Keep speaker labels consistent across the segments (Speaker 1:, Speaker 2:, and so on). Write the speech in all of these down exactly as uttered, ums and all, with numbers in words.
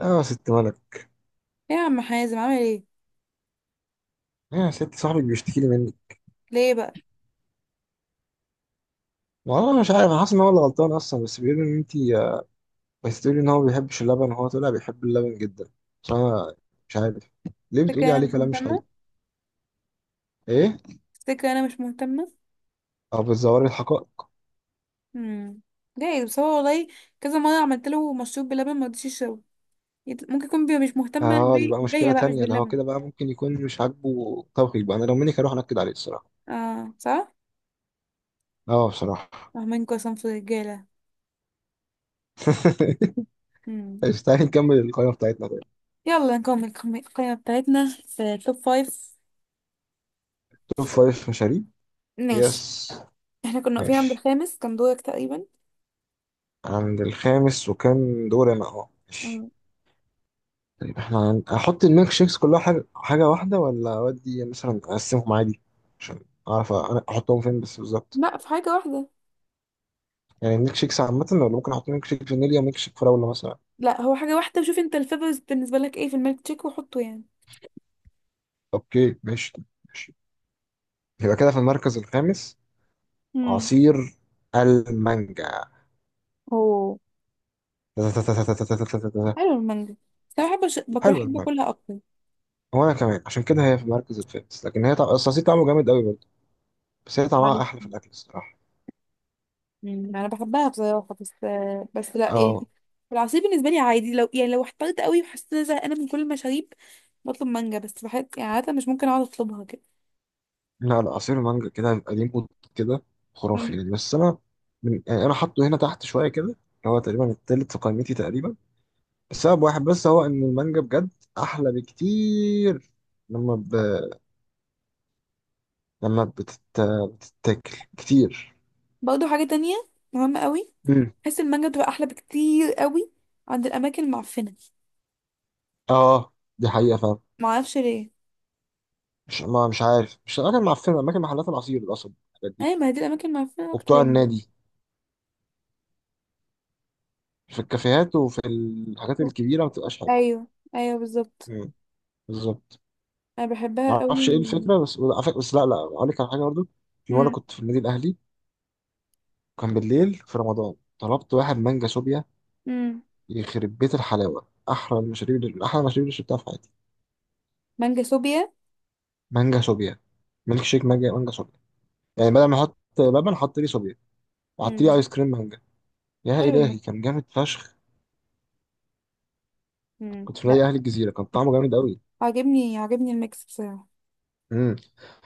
Speaker 1: اه، يا ست ولد.
Speaker 2: ايه يا عم حازم، عامل ايه؟
Speaker 1: ايه يا ست صاحبك بيشتكي لي منك.
Speaker 2: ليه بقى؟
Speaker 1: والله انا مش عارف، انا حاسس ان هو اللي غلطان اصلا، بس بيقول ان انت بس تقولي ان هو ما بيحبش اللبن، وهو طلع بيحب اللبن جدا. بس انا مش عارف، ليه
Speaker 2: تفتكر
Speaker 1: بتقولي
Speaker 2: انا
Speaker 1: عليه
Speaker 2: مش
Speaker 1: كلام مش
Speaker 2: مهتمه
Speaker 1: حقيقي؟ ايه
Speaker 2: تفتكر انا مش مهتمه
Speaker 1: او بتزوري الحقائق؟
Speaker 2: امم جايز، بس هو والله كذا مره عملت له مشروب بلبن ما رضيش يشربه. يت- ممكن يكون بي مش مهتمه
Speaker 1: اه دي
Speaker 2: بي-
Speaker 1: بقى مشكله
Speaker 2: بيا بقى، مش
Speaker 1: تانية، ده هو
Speaker 2: باللبن.
Speaker 1: كده بقى ممكن يكون مش عاجبه توقيت بقى، انا لو منك هروح انكد عليه الصراحه.
Speaker 2: اه، صح.
Speaker 1: اه بصراحه.
Speaker 2: فاهمينكوا يا صنف الرجاله. امم
Speaker 1: ماشي، تعالي نكمل القائمه بتاعتنا طيب.
Speaker 2: يلا نكمل القم- القائمه بتاعتنا في توب فايف.
Speaker 1: توب فايف مشاريب.
Speaker 2: ماشي.
Speaker 1: يس.
Speaker 2: احنا كنا واقفين عند
Speaker 1: ماشي،
Speaker 2: الخامس، كان دورك تقريبا.
Speaker 1: عند الخامس وكان دور انا، اه ماشي.
Speaker 2: امم
Speaker 1: طيب احنا هن- هحط الميلك شيكس كلها حاجة حاجة واحدة، ولا أودي مثلا أقسمهم عادي، عشان أعرف أنا أحطهم فين بس بالظبط.
Speaker 2: لا، في حاجه واحده.
Speaker 1: يعني الميلك شيكس عامة، ولا ممكن أحط ميلك شيك فانيليا وميلك شيك فراولة مثلا؟
Speaker 2: لا، هو حاجه واحده. وشوف انت الفيفرز بالنسبه لك ايه في الميلك تشيك وحطه يعني.
Speaker 1: أوكي ماشي. ماشي، يبقى كده في المركز الخامس
Speaker 2: امم
Speaker 1: عصير المانجا.
Speaker 2: اوه، حلو المانجا. بس انا بحب الش- باكل
Speaker 1: حلو
Speaker 2: بحب
Speaker 1: المانجا.
Speaker 2: اكلها اكتر.
Speaker 1: وأنا كمان عشان كده هي في المركز الخامس، لكن هي طع... أصل العصير طعمه جامد أوي برضه، بس هي طعمها
Speaker 2: عارف.
Speaker 1: أحلى في الأكل الصراحة.
Speaker 2: مم، انا بحبها بصراحه بس. بس لا يعني.
Speaker 1: أه
Speaker 2: العصير بالنسبه لي عادي، لو يعني لو احترت قوي وحسيت ان انا زهقانه من كل المشاريب بطلب مانجا. بس بحب يعني عاده، مش ممكن اقعد اطلبها كده.
Speaker 1: لا لا، عصير المانجا كده هيبقى ليه مود كده خرافي
Speaker 2: مم.
Speaker 1: يعني. بس انا، من يعني انا حاطه هنا تحت شويه كده، اللي هو تقريبا التالت في قائمتي تقريبا، بسبب واحد بس، هو ان المانجا بجد احلى بكتير لما ب... لما بتت... بتتاكل كتير.
Speaker 2: برضه حاجه تانية مهمه قوي.
Speaker 1: مم.
Speaker 2: بحس المانجا بتبقى احلى بكتير قوي عند الاماكن المعفنه.
Speaker 1: اه دي حقيقه فعلا.
Speaker 2: معرفش ليه.
Speaker 1: مش ما مش عارف، مش الاماكن معفنه، اماكن محلات العصير الاصل الحاجات دي
Speaker 2: ايوه، ما هي دي الاماكن المعفنه اكتر
Speaker 1: وبتوع
Speaker 2: يعني.
Speaker 1: النادي. في الكافيهات وفي الحاجات الكبيره ما بتبقاش حلوه.
Speaker 2: ايوه، ايوه، بالظبط.
Speaker 1: مم، بالظبط.
Speaker 2: انا
Speaker 1: ما
Speaker 2: بحبها
Speaker 1: اعرفش
Speaker 2: قوي.
Speaker 1: ايه الفكره، بس على فكرة- بس لا لا اقول لك على حاجه برضه. في مره
Speaker 2: امم
Speaker 1: كنت في النادي الاهلي، وكان بالليل في رمضان، طلبت واحد مانجا شوبيا.
Speaker 2: امم
Speaker 1: يخرب بيت الحلاوه، احلى المشاريب اللي- احلى المشاريب اللي شربتها في حياتي.
Speaker 2: مانجا صوبيا.
Speaker 1: مانجا شوبيا. ميلك شيك مانجا، مانجا شوبيا. يعني بدل ما احط لبن حط لي شوبيا، وحط لي
Speaker 2: امم
Speaker 1: ايس كريم مانجا. يا
Speaker 2: حلو.
Speaker 1: الهي كان جامد فشخ.
Speaker 2: مم.
Speaker 1: كنت في
Speaker 2: لا،
Speaker 1: نادي اهلي الجزيره، كان طعمه جامد قوي.
Speaker 2: عاجبني عاجبني الميكس بصراحة.
Speaker 1: امم،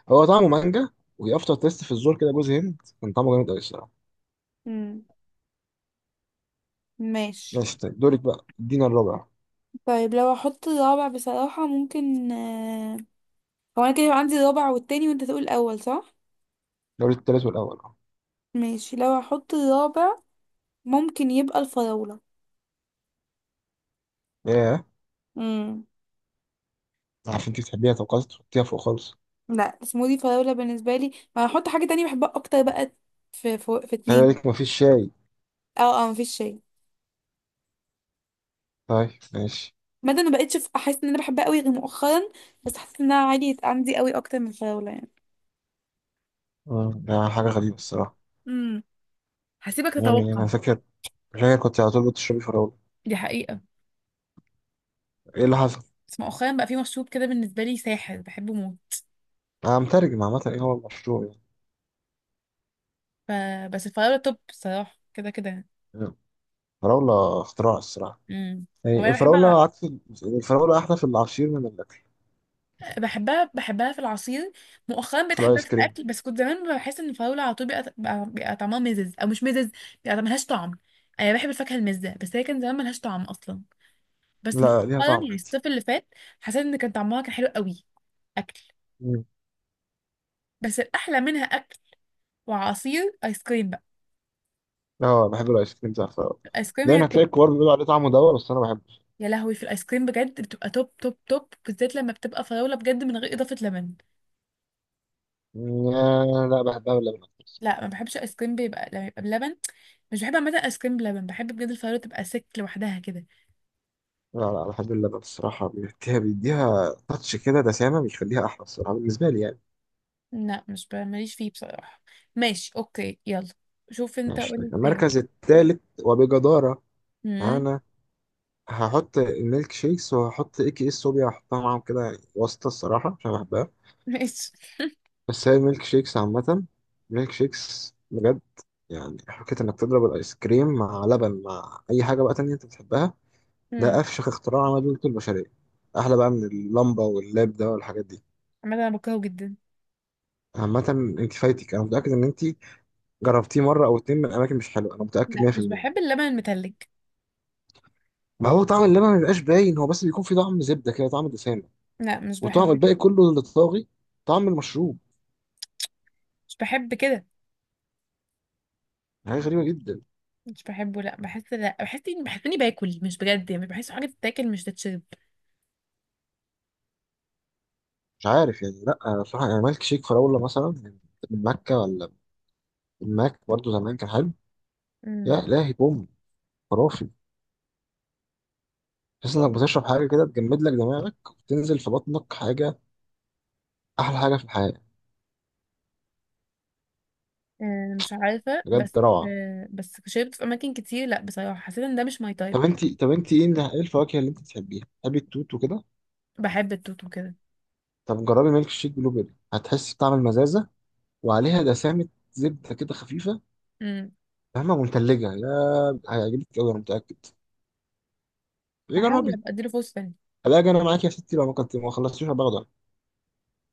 Speaker 1: هو طعمه مانجا وافتر تيست في الزور كده جوز هند، كان طعمه جامد قوي الصراحه.
Speaker 2: مم. ماشي.
Speaker 1: ماشي طيب، دورك بقى، ادينا الرابع.
Speaker 2: طيب لو احط الرابع بصراحة ممكن آه، هو انا كده يبقى عندي الرابع والتاني، وانت تقول الاول، صح؟
Speaker 1: دوري التالت والاول.
Speaker 2: ماشي. لو احط الرابع ممكن يبقى الفراولة.
Speaker 1: اه
Speaker 2: مم.
Speaker 1: عشان انت تحبيها، طب خلاص تحطيها فوق خالص.
Speaker 2: لا، سموذي فراولة بالنسبة لي، ما هحط حاجة تانية بحبها اكتر بقى. في في, في
Speaker 1: خلي
Speaker 2: اتنين.
Speaker 1: بالك مفيش شاي.
Speaker 2: اه، اه، مفيش شيء.
Speaker 1: طيب ماشي.
Speaker 2: مادة ما بقتش ف- احس ان انا بحبها قوي غير مؤخرا. بس حسيت انها عادي عندي قوي اكتر من الفراولة يعني.
Speaker 1: آه، ده حاجة غريبة الصراحة.
Speaker 2: امم هسيبك
Speaker 1: يعني
Speaker 2: تتوقع.
Speaker 1: أنا فاكر فاكر كنت على طول بتشربي فراولة.
Speaker 2: دي حقيقة.
Speaker 1: إيه اللي حصل؟
Speaker 2: بس مؤخرا بقى في مشروب كده بالنسبة لي ساحر بحبه موت.
Speaker 1: أنا مترجم عامة إيه هو المشروع يعني.
Speaker 2: ف... بس الفراولة توب الصراحة كده كده.
Speaker 1: فراولة اختراع الصراحة.
Speaker 2: امم
Speaker 1: يعني
Speaker 2: وانا بحبها
Speaker 1: الفراولة عكس ال- الفراولة أحلى في العصير من الأكل.
Speaker 2: بحبها بحبها في العصير. مؤخرا بقيت
Speaker 1: في
Speaker 2: احبها
Speaker 1: الآيس
Speaker 2: في
Speaker 1: كريم.
Speaker 2: الاكل، بس كنت زمان بحس ان الفراولة على طول بيبقى بيبقى بيبقى طعمها مزز او مش مزز، بيبقى ملهاش طعم. انا بحب الفاكهة المزة، بس هي كان زمان ملهاش طعم اصلا. بس مؤخرا
Speaker 1: لا ليها طعم
Speaker 2: يعني
Speaker 1: عادي.
Speaker 2: الصيف اللي فات حسيت ان كان طعمها كان حلو قوي. اكل.
Speaker 1: مم.
Speaker 2: بس الاحلى منها اكل وعصير، ايس كريم بقى.
Speaker 1: أه بحب الآيس كريم بتاع الفراولة،
Speaker 2: الايس كريم هي
Speaker 1: دايما
Speaker 2: التوب.
Speaker 1: هتلاقي الكبار بيقولوا عليه طعمه دوا، بس أنا بحبه.
Speaker 2: يا لهوي، في الايس كريم بجد بتبقى توب توب توب، بالذات لما بتبقى فراوله بجد من غير اضافه لبن.
Speaker 1: مم، لا بحبها باللبن.
Speaker 2: لا، ما بحبش الايس كريم بيبقى لما يبقى بلبن. مش بحب عامه الايس كريم بلبن، بحب بجد الفراوله تبقى سك لوحدها كده.
Speaker 1: لا لا، بحب اللبن الصراحة، بيديها بيديها تاتش كده دسامة بيخليها أحلى الصراحة بالنسبة لي يعني.
Speaker 2: لا، مش ب- ماليش فيه بصراحه. ماشي، اوكي، يلا. شوف انت
Speaker 1: ماشي
Speaker 2: قولي
Speaker 1: طيب،
Speaker 2: التالت.
Speaker 1: المركز الثالث وبجدارة.
Speaker 2: امم
Speaker 1: أنا هحط الميلك شيكس، وهحط اي كي اس صوبيا هحطها معاهم كده يعني واسطة الصراحة عشان بحبها.
Speaker 2: ماشي.
Speaker 1: بس هي الميلك شيكس عامة الميلك شيكس بجد، يعني حكاية إنك تضرب الآيس كريم مع لبن مع أي حاجة بقى تانية أنت بتحبها، ده
Speaker 2: امم
Speaker 1: أفشخ اختراع عمله البشرية. أحلى بقى من اللمبة واللاب ده والحاجات دي.
Speaker 2: عامه انا بكرهه جدا.
Speaker 1: عامة أنت فايتك، أنا متأكد إن أنت جربتيه مره او اتنين من اماكن مش حلوه، انا متاكد
Speaker 2: لا، مش
Speaker 1: مية في المية.
Speaker 2: بحب اللبن المتلج.
Speaker 1: ما هو طعم اللبن ما بيبقاش باين هو، بس بيكون فيه طعم زبده كده، طعم دسامه
Speaker 2: لا، مش
Speaker 1: وطعم
Speaker 2: بحب كده.
Speaker 1: الباقي كله اللي طاغي، طعم المشروب.
Speaker 2: مش بحب كده.
Speaker 1: حاجه غريبه جدا.
Speaker 2: مش بحبه. لا بحس لا بحس اني بحس اني باكل، مش بجد يعني، بحس حاجه تتاكل مش تتشرب.
Speaker 1: مش عارف يعني، لا بصراحه يعني مالك شيك فراوله مثلا، من مكه، ولا من ماك برضه، زمان كان حلو. يا الهي بوم، خرافي. تحس انك بتشرب حاجه كده تجمد لك دماغك، وتنزل في بطنك حاجه، احلى حاجه في الحياه،
Speaker 2: آه، مش عارفة بس.
Speaker 1: بجد روعه.
Speaker 2: آه، بس شربت في أماكن كتير، لأ بصراحة حسيت إن ده مش ماي تايب.
Speaker 1: طب انت طب انت ايه اللي- إيه الفواكه اللي انت بتحبيها؟ بتحبي التوت وكده؟
Speaker 2: بحب التوت وكده.
Speaker 1: طب جربي ميلك شيك بلو بيري، هتحسي بطعم المزازه، وعليها دسامة زبدة كده خفيفة،
Speaker 2: امم
Speaker 1: فاهمة؟ ومتلجة يا، هيعجبك أوي أنا متأكد. إيه
Speaker 2: هحاول
Speaker 1: جربي.
Speaker 2: أبقى أديله فرصة تانية.
Speaker 1: ألاقي أنا معاك يا ستي، لو ما كنت ما خلصتيش هبقى أخضر.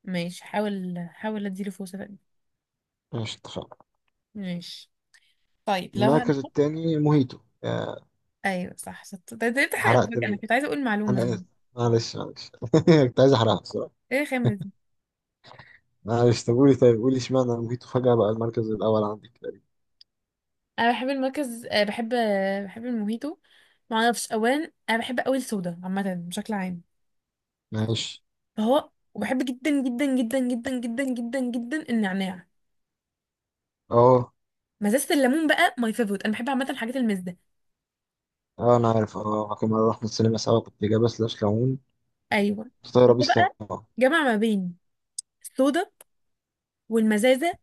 Speaker 2: ماشي، حاول حاول أديله فرصة تانية.
Speaker 1: ماشي اتفقنا.
Speaker 2: ماشي. طيب لو
Speaker 1: المركز
Speaker 2: هنحط.
Speaker 1: التاني موهيتو. آه،
Speaker 2: أيوة، صح، شطة، ده ده تحقق
Speaker 1: حرقت
Speaker 2: المفاجأة، أنا
Speaker 1: ال...
Speaker 2: كنت عايزة أقول معلومة
Speaker 1: أنا آسف،
Speaker 2: يعني.
Speaker 1: معلش معلش. كنت عايز أحرقها بصراحة.
Speaker 2: إيه الخامة دي؟
Speaker 1: معلش طب قولي، طيب قولي اشمعنى موهيتو فجأة بقى المركز الأول عندك تقريبا.
Speaker 2: أنا بحب المركز آه، بحب آه، بحب الموهيتو. معرفش. أولا أنا بحب أوي الصودا عامة بشكل عام.
Speaker 1: ماشي.
Speaker 2: فهو، وبحب جدا جدا جدا جدا جدا جدا جدا النعناع.
Speaker 1: أه
Speaker 2: مزازة الليمون بقى ماي فيفورت. انا بحب عامه الحاجات المزة.
Speaker 1: أه أنا عارف، أه كنا رحنا السينما سوا، كنت جايبة سلاش ليمون
Speaker 2: ايوه.
Speaker 1: فطايرة بيه
Speaker 2: فهو
Speaker 1: السما.
Speaker 2: بقى جمع ما بين الصودا والمزازه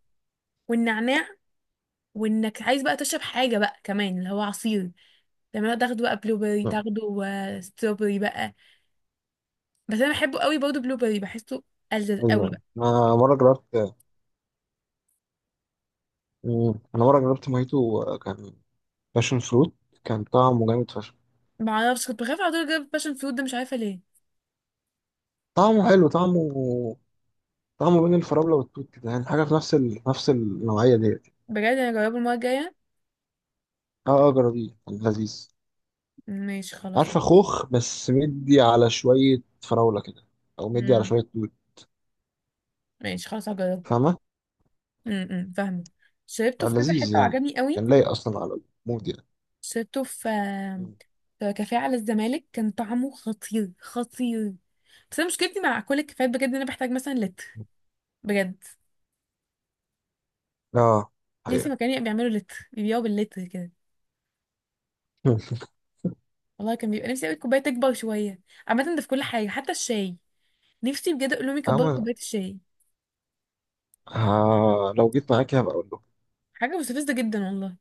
Speaker 2: والنعناع، وانك عايز بقى تشرب حاجه بقى كمان اللي هو عصير. لما تاخده بقى بلو بيري، تاخده آه، ستروبري بقى. بس انا بحبه قوي برضه بلو بيري، بحسه ألذذ قوي
Speaker 1: أيوه
Speaker 2: بقى.
Speaker 1: أنا مرة جربت، مم. انا مره جربت مojito آه، كان باشن فروت، كان طعمه جامد فشخ.
Speaker 2: ما اعرفش. كنت بخاف على طول اجرب باشن فروت ده، مش عارفه ليه.
Speaker 1: طعمه حلو، طعمه طعمه بين الفراوله والتوت كده، يعني حاجه في نفس ال... نفس النوعيه ديت.
Speaker 2: بجد انا اجربه المره الجايه.
Speaker 1: اه اه جربيه كان لذيذ.
Speaker 2: ماشي، خلاص
Speaker 1: عارفه
Speaker 2: هجربه.
Speaker 1: خوخ بس مدي على شويه فراوله كده، او مدي على
Speaker 2: امم
Speaker 1: شويه توت،
Speaker 2: ماشي، خلاص هجربه.
Speaker 1: فاهمه؟
Speaker 2: امم أمم، فاهمه. شربته
Speaker 1: آه،
Speaker 2: في كذا
Speaker 1: لذيذ
Speaker 2: حته
Speaker 1: يعني،
Speaker 2: وعجبني قوي.
Speaker 1: كان لايق اصلا على المود يعني.
Speaker 2: شربته في
Speaker 1: مم.
Speaker 2: في كافيه على الزمالك، كان طعمه خطير خطير. بس انا مشكلتي مع كل الكافيهات بجد، ان انا بحتاج مثلا لتر، بجد.
Speaker 1: اه
Speaker 2: نفسي
Speaker 1: حقيقه.
Speaker 2: مكان يبقى بيعملوا لتر، بيبيعوا باللتر كده.
Speaker 1: مم.
Speaker 2: والله كان بيبقى نفسي قوي الكوبايه تكبر شويه. عامه ده في كل حاجه حتى الشاي. نفسي بجد اقول لهم يكبروا
Speaker 1: أما
Speaker 2: كوبايه الشاي.
Speaker 1: آه، لو جيت معاكي هبقى أقول له.
Speaker 2: حاجه مستفزه جدا والله.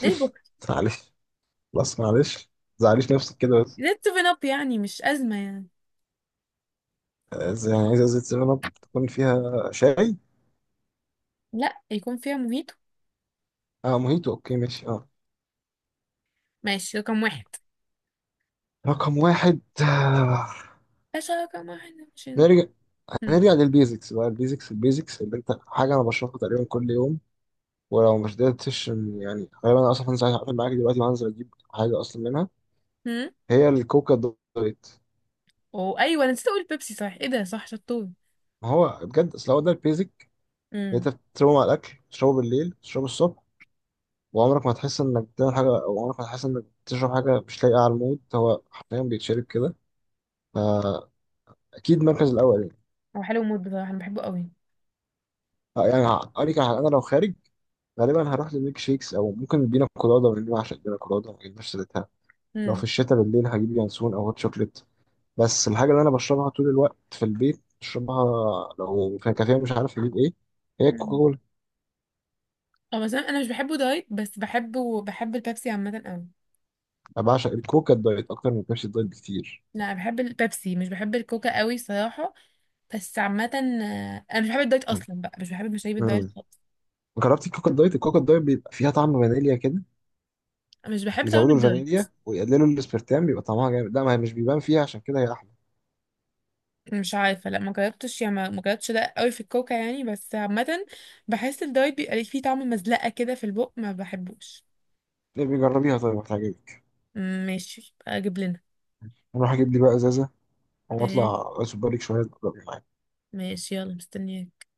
Speaker 2: ليه البوكس؟
Speaker 1: معلش خلاص معلش، زعليش نفسك كده.
Speaker 2: ليه السيفن اب يعني؟ مش ازمه يعني.
Speaker 1: إز- يعني عايز ازازة سيفن اب تكون فيها شاي.
Speaker 2: لا، يكون فيها موهيتو.
Speaker 1: اه موهيتو، اوكي ماشي، اه.
Speaker 2: ماشي، رقم واحد.
Speaker 1: رقم واحد. آه،
Speaker 2: باشا رقم واحد مش.
Speaker 1: نرجع
Speaker 2: هم
Speaker 1: نرجع للبيزكس بقى. البيزكس البيزكس اللي انت حاجة انا بشربها تقريبا كل يوم، ولو مش قدرتش إن- يعني غالبا انا اصلا هنزل هقفل معاك دلوقتي وهنزل اجيب حاجة اصلا منها،
Speaker 2: هم
Speaker 1: هي الكوكا دايت.
Speaker 2: وايوه انا نسيت اقول بيبسي، صح، ايه ده، صح، شطور.
Speaker 1: ما هو بجد اصل هو ده البيزك اللي انت بتشربه مع الاكل، تشربه بالليل، تشربه الصبح، وعمرك ما هتحس انك بتعمل حاجة، او عمرك ما هتحس انك بتشرب حاجة مش لايقة على المود. هو حرفيا بيتشرب كده، فأكيد المركز الأول يعني.
Speaker 2: هو حلو موت بصراحة، أنا بحبه قوي.
Speaker 1: آه، يعني هقول لك على حاجة، انا لو خارج غالبا هروح للميك شيكس، او ممكن البينا كولادا، لان انا بعشق البينا كولادا ما جبناش سيرتها. لو في
Speaker 2: امم
Speaker 1: الشتاء بالليل هجيب ينسون او هوت شوكليت، بس الحاجه اللي انا بشربها طول الوقت في البيت بشربها، لو في كافيه مش عارف اجيب ايه، هي الكوكا
Speaker 2: امم
Speaker 1: كولا.
Speaker 2: اه، مثلا أنا أنا مش بحبه دايت، بس بحبه، بحب البيبسي عامة قوي.
Speaker 1: انا بعشق الكوكا الدايت اكتر من بيبسي الدايت بكتير.
Speaker 2: لا، بحب البيبسي مش بحب الكوكا قوي صراحة. بس عامة آه، أنا مش بحب الدايت أصلا بقى، مش بحب مشاريب الدايت
Speaker 1: امم،
Speaker 2: خالص.
Speaker 1: جربتي الكوكا الدايت؟ الكوكا الدايت بيبقى فيها طعم فانيليا كده،
Speaker 2: مش بحب طعم
Speaker 1: يزودوا
Speaker 2: الدايت.
Speaker 1: الفانيليا ويقللوا الاسبرتام بيبقى طعمها جامد، لا ما هي مش بيبان فيها عشان كده هي احلى.
Speaker 2: مش عارفة، لا ما جربتش يعني، ما ما جربتش ده قوي في الكوكا يعني، بس عامة بحس الدايت بيبقى ليه فيه طعم مزلقة كده في البق، ما بحبوش.
Speaker 1: ليه؟ بيجربيها طيب هتعجبك.
Speaker 2: مم، ماشي، يبقى أجيب لنا.
Speaker 1: اروح اجيب لي بقى ازازه، هو
Speaker 2: ايه.
Speaker 1: اطلع سوبر ليج شويه أقدر معاك.
Speaker 2: ماشي، يلا، مستنياك.